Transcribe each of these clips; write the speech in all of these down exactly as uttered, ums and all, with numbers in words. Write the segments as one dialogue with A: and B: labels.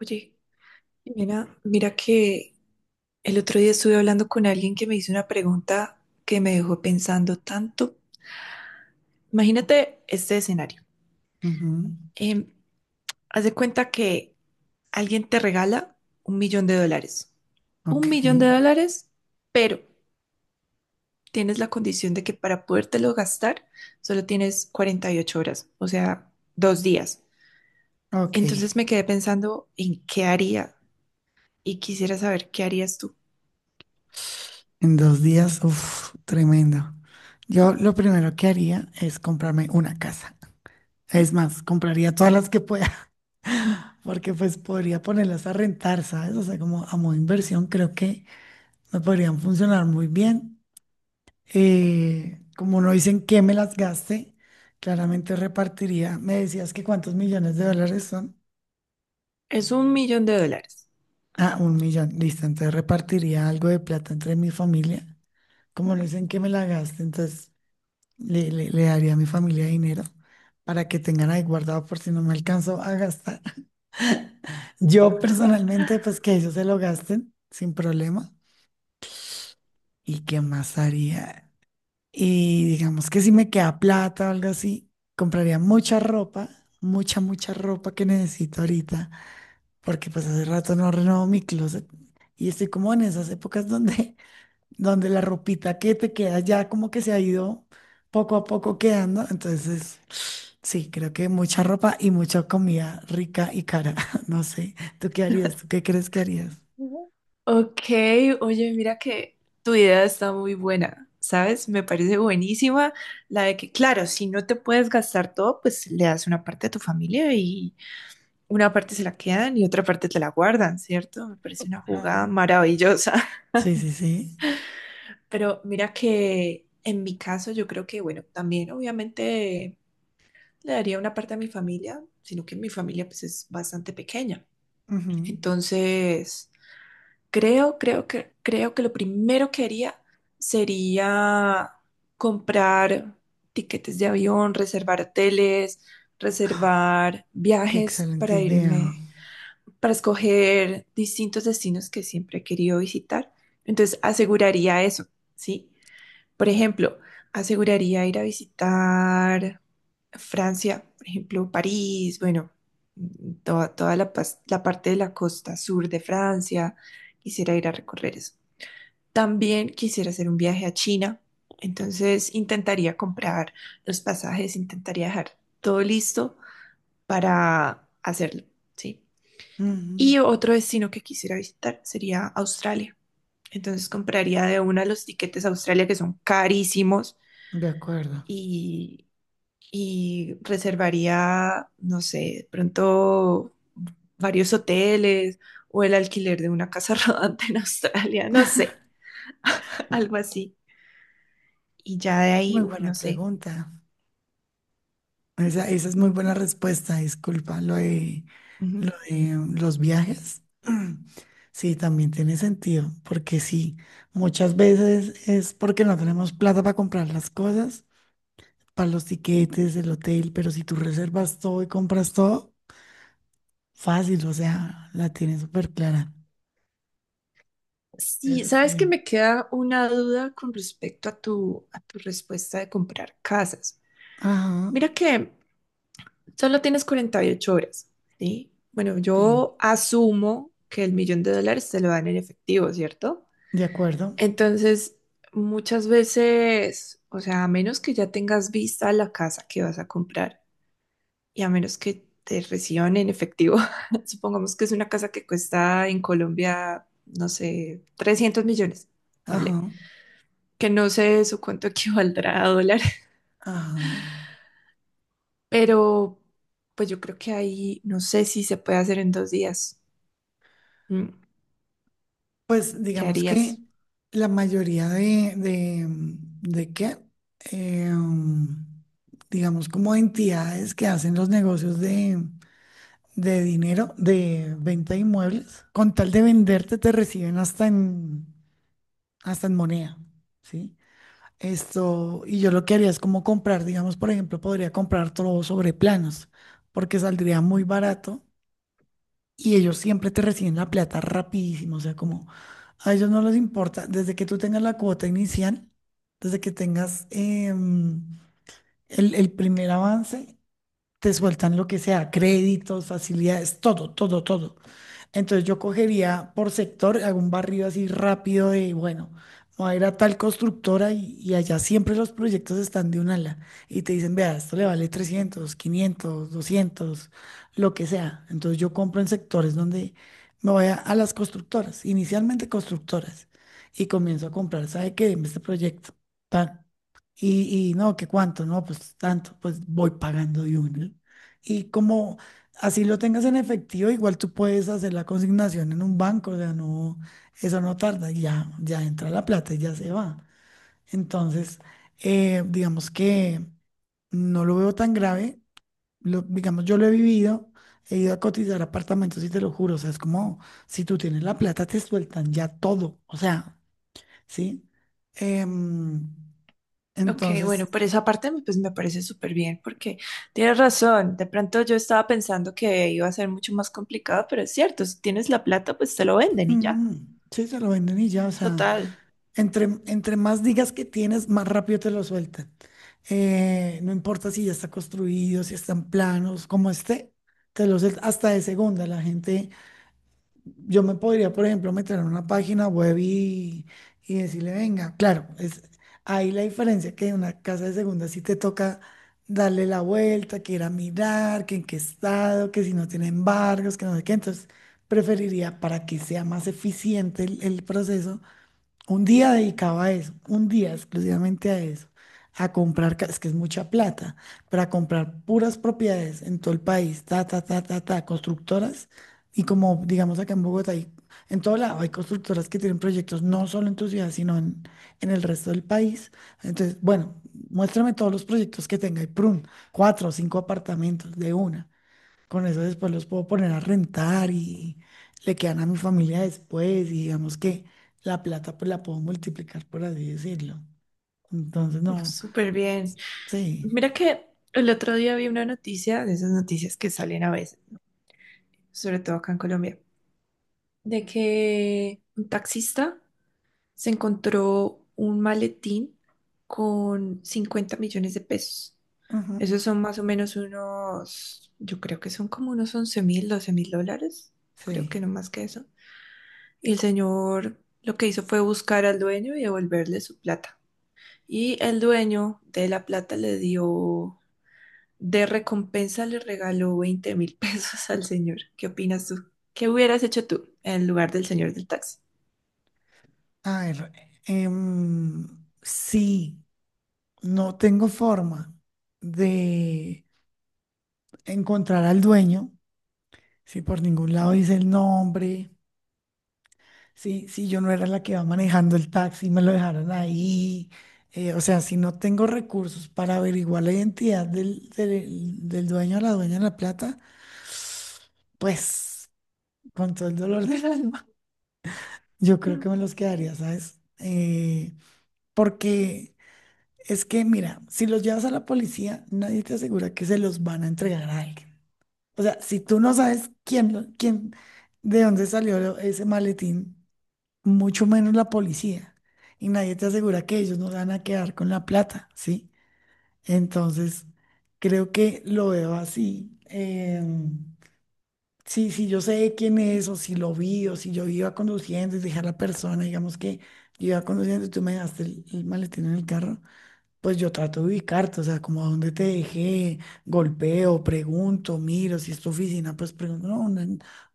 A: Oye, mira, mira que el otro día estuve hablando con alguien que me hizo una pregunta que me dejó pensando tanto. Imagínate este escenario.
B: Ujú.
A: Em, haz de cuenta que alguien te regala un millón de dólares.
B: Ok,
A: Un millón de dólares, pero tienes la condición de que para podértelo gastar solo tienes cuarenta y ocho horas, o sea, dos días.
B: ok.
A: Entonces me quedé pensando en qué haría y quisiera saber qué harías tú.
B: En dos días, uff, tremendo. Yo lo primero que haría es comprarme una casa. Es más, compraría todas las que pueda, porque pues podría ponerlas a rentar, ¿sabes? O sea, como a modo de inversión, creo que me podrían funcionar muy bien. Eh, como no dicen que me las gaste, claramente repartiría. Me decías que cuántos millones de dólares son.
A: Es un millón de dólares.
B: Ah, un millón, listo. Entonces repartiría algo de plata entre mi familia, como no dicen que me la gaste, entonces Le, le, le daría a mi familia dinero para que tengan ahí guardado por si no me alcanzo a gastar. Yo personalmente, pues que ellos se lo gasten sin problema. ¿Y qué más haría? Y digamos que si me queda plata o algo así, compraría mucha ropa, mucha, mucha ropa que necesito ahorita, porque pues hace rato no renovo mi closet y estoy como en esas épocas donde donde la ropita que te queda ya como que se ha ido poco a poco quedando. Entonces, sí, creo que mucha ropa y mucha comida rica y cara. No sé, ¿tú qué harías? ¿Tú qué crees que harías?
A: Ok, oye, mira que tu idea está muy buena, ¿sabes? Me parece buenísima la de que, claro, si no te puedes gastar todo, pues le das una parte a tu familia y una parte se la quedan y otra parte te la guardan, ¿cierto? Me parece una jugada
B: Ajá.
A: maravillosa.
B: Sí, sí, sí.
A: Pero mira que en mi caso yo creo que, bueno, también obviamente le daría una parte a mi familia, sino que mi familia pues es bastante pequeña.
B: Ujú.
A: Entonces... Creo, creo que, creo que lo primero que haría sería comprar tiquetes de avión, reservar hoteles, reservar
B: Qué
A: viajes
B: excelente
A: para
B: idea.
A: irme, para escoger distintos destinos que siempre he querido visitar. Entonces, aseguraría eso, ¿sí? Por ejemplo, aseguraría ir a visitar Francia, por ejemplo, París, bueno, toda, toda la, pas- la parte de la costa sur de Francia, quisiera ir a recorrer eso. También quisiera hacer un viaje a China, entonces intentaría comprar los pasajes, intentaría dejar todo listo para hacerlo, ¿sí?
B: Ujú.
A: Y otro destino que quisiera visitar sería Australia. Entonces compraría de una los tiquetes a Australia que son carísimos
B: De acuerdo.
A: y, y reservaría, no sé, de pronto varios hoteles o el alquiler de una casa rodante en Australia, no sé, algo así. Y ya de
B: Muy
A: ahí, uf,
B: buena
A: no sé.
B: pregunta. Esa, esa es muy buena respuesta. Disculpa, lo de
A: Ujú.
B: Lo de los viajes, sí, también tiene sentido, porque sí, muchas veces es porque no tenemos plata para comprar las cosas, para los tiquetes, el hotel, pero si tú reservas todo y compras todo, fácil, o sea, la tienes súper clara.
A: Sí,
B: Eso
A: sabes
B: estaría.
A: que me queda una duda con respecto a tu, a tu respuesta de comprar casas.
B: Ajá,
A: Mira que solo tienes cuarenta y ocho horas, ¿sí? Bueno,
B: sí,
A: yo asumo que el millón de dólares te lo dan en efectivo, ¿cierto?
B: de acuerdo.
A: Entonces, muchas veces, o sea, a menos que ya tengas vista la casa que vas a comprar y a menos que te reciban en efectivo, supongamos que es una casa que cuesta en Colombia, no sé, trescientos millones,
B: Ajá,
A: ponle, que no sé su cuánto equivaldrá a dólar,
B: ajá.
A: pero pues yo creo que ahí no sé si se puede hacer en dos días. Mm,
B: Pues
A: ¿qué
B: digamos que
A: harías?
B: la mayoría de, de, de qué, Em, digamos como entidades que hacen los negocios de, de dinero, de venta de inmuebles, con tal de venderte te reciben hasta en, hasta en moneda, ¿sí? Esto, y yo lo que haría es como comprar, digamos, por ejemplo, podría comprar todo sobre planos, porque saldría muy barato y ellos siempre te reciben la plata rapidísimo, o sea, como a ellos no les importa, desde que tú tengas la cuota inicial, desde que tengas em, el, el primer avance, te sueltan lo que sea, créditos, facilidades, todo, todo, todo. Entonces yo cogería por sector, hago un barrido así rápido de, bueno, voy a ir a tal constructora y, y allá siempre los proyectos están de un ala y te dicen, vea, esto le vale trescientos quinientos doscientos, lo que sea. Entonces yo compro en sectores donde me voy a, a las constructoras, inicialmente constructoras, y comienzo a comprar, ¿sabe qué? Deme este proyecto. Tan. Y, y no, que cuánto, no, pues tanto, pues voy pagando de uno. Y como así lo tengas en efectivo, igual tú puedes hacer la consignación en un banco, o sea, no, eso no tarda, ya, ya entra la plata y ya se va. Entonces, eh, digamos que no lo veo tan grave, lo- digamos, yo lo he vivido, he ido a cotizar apartamentos y te lo juro, o sea, es como si tú tienes la plata, te sueltan ya todo, o sea, ¿sí? Em,
A: Ok, bueno,
B: entonces...
A: por esa parte pues me parece súper bien porque tienes razón, de pronto yo estaba pensando que iba a ser mucho más complicado, pero es cierto, si tienes la plata pues te lo venden y ya,
B: Mm, sí, se lo venden y ya, o sea,
A: total.
B: entre, entre más digas que tienes, más rápido te lo sueltan. Eh, no importa si ya está construido, si están planos, como esté, te lo sueltan hasta de segunda. La gente, yo me podría, por ejemplo, meter en una página web y, y decirle, venga, claro, es ahí la diferencia, que en una casa de segunda sí te toca darle la vuelta, que ir a mirar, que en qué estado, que si no tiene embargos, que no sé qué. Entonces, preferiría, para que sea más eficiente el, el proceso, un día dedicado a eso, un día exclusivamente a eso, a comprar, ca- es que es mucha plata, pero a comprar puras propiedades en todo el país, ta, ta, ta, ta, ta, constructoras, y, como digamos, acá en Bogotá, hay- en todo lado hay constructoras que tienen proyectos no solo en tu ciudad, sino en, en el resto del país. Entonces, bueno, muéstrame todos los proyectos que tenga y prun, cuatro o cinco apartamentos de una. Con eso después los puedo poner a rentar y le quedan a mi familia después, y digamos que la plata pues la puedo multiplicar, por así decirlo. Entonces,
A: Uf,
B: no,
A: súper bien.
B: sí,
A: Mira que el otro día vi una noticia, de esas noticias que salen a veces, sobre todo acá en Colombia, de que un taxista se encontró un maletín con cincuenta millones de pesos.
B: ujú,
A: Esos son más o menos unos, yo creo que son como unos once mil, doce mil dólares, creo que
B: sí.
A: no más que eso. Y el señor lo que hizo fue buscar al dueño y devolverle su plata. Y el dueño de la plata le dio, de recompensa le regaló veinte mil pesos al señor. ¿Qué opinas tú? ¿Qué hubieras hecho tú en lugar del señor del taxi?
B: A ver, em, si no tengo forma de encontrar al dueño, si por ningún lado dice el nombre... Sí, sí, yo no era la que iba manejando el taxi, me lo dejaron ahí. Eh, o sea, si no tengo recursos para averiguar la identidad del, del, del dueño o la dueña de la plata, pues con todo el dolor del alma, yo creo que me los quedaría, ¿sabes? Eh, porque es que, mira, si los llevas a la policía, nadie te asegura que se los van a entregar a alguien. O sea, si tú no sabes quién, lo- quién, de dónde salió ese maletín, mucho menos la policía. Y nadie te asegura que ellos no van a quedar con la plata, ¿sí? Entonces, creo que lo veo así. Em, sí, sí, yo sé quién es, o si lo vi, o si yo iba conduciendo y dejé a la persona, digamos que yo iba conduciendo y tú me dejaste el, el maletín en el carro, pues yo trato de ubicarte, o sea, como a dónde te dejé, golpeo, pregunto, miro, si es tu oficina, pues pregunto, no, una,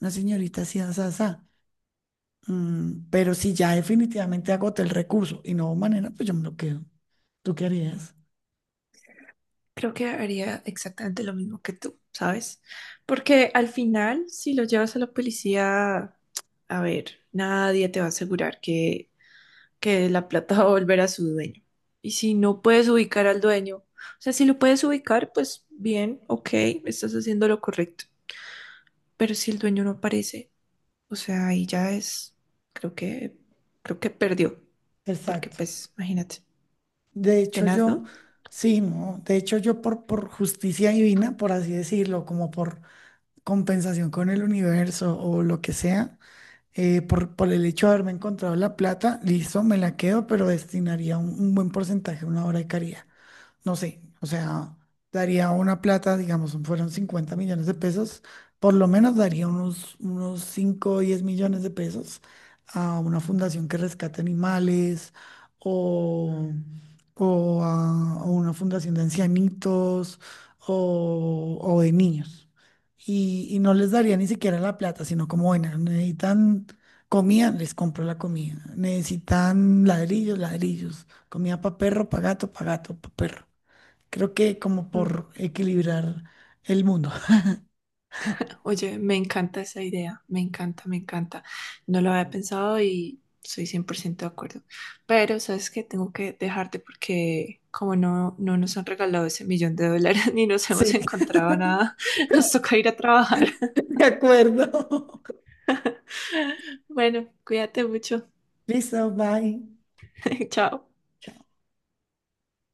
B: una señorita así, así, así. Mm, pero si ya definitivamente agoté el recurso y no hubo manera, pues yo me lo quedo. ¿Tú qué harías?
A: Creo que haría exactamente lo mismo que tú, ¿sabes? Porque al final, si lo llevas a la policía, a ver, nadie te va a asegurar que, que la plata va a volver a su dueño. Y si no puedes ubicar al dueño, o sea, si lo puedes ubicar, pues bien, ok, estás haciendo lo correcto. Pero si el dueño no aparece, o sea, ahí ya es, creo que, creo que perdió. Porque
B: Exacto.
A: pues, imagínate,
B: De hecho,
A: tenaz,
B: yo,
A: ¿no?
B: sí, no. De hecho, yo por, por justicia divina, por así decirlo, como por compensación con el universo o lo que sea, eh, por, por el hecho de haberme encontrado la plata, listo, me la quedo, pero destinaría un, un buen porcentaje a una obra de caridad. No sé, o sea, daría una plata, digamos, fueron cincuenta millones de pesos, por lo menos daría unos, unos cinco o diez millones de pesos a una fundación que rescate animales o, o a, a una fundación de ancianitos o, o de niños. Y, y no les daría ni siquiera la plata, sino como, bueno, necesitan comida, les compro la comida. Necesitan ladrillos, ladrillos. Comida para perro, para gato, para gato, para perro. Creo que como por equilibrar el mundo.
A: Oye, me encanta esa idea, me encanta, me encanta. No lo había pensado y soy cien por ciento de acuerdo. Pero sabes que tengo que dejarte porque como no, no nos han regalado ese millón de dólares ni nos hemos
B: Sí,
A: encontrado nada, nos toca ir a trabajar.
B: de acuerdo.
A: Bueno, cuídate mucho.
B: Listo, bye.
A: Chao.
B: Chao.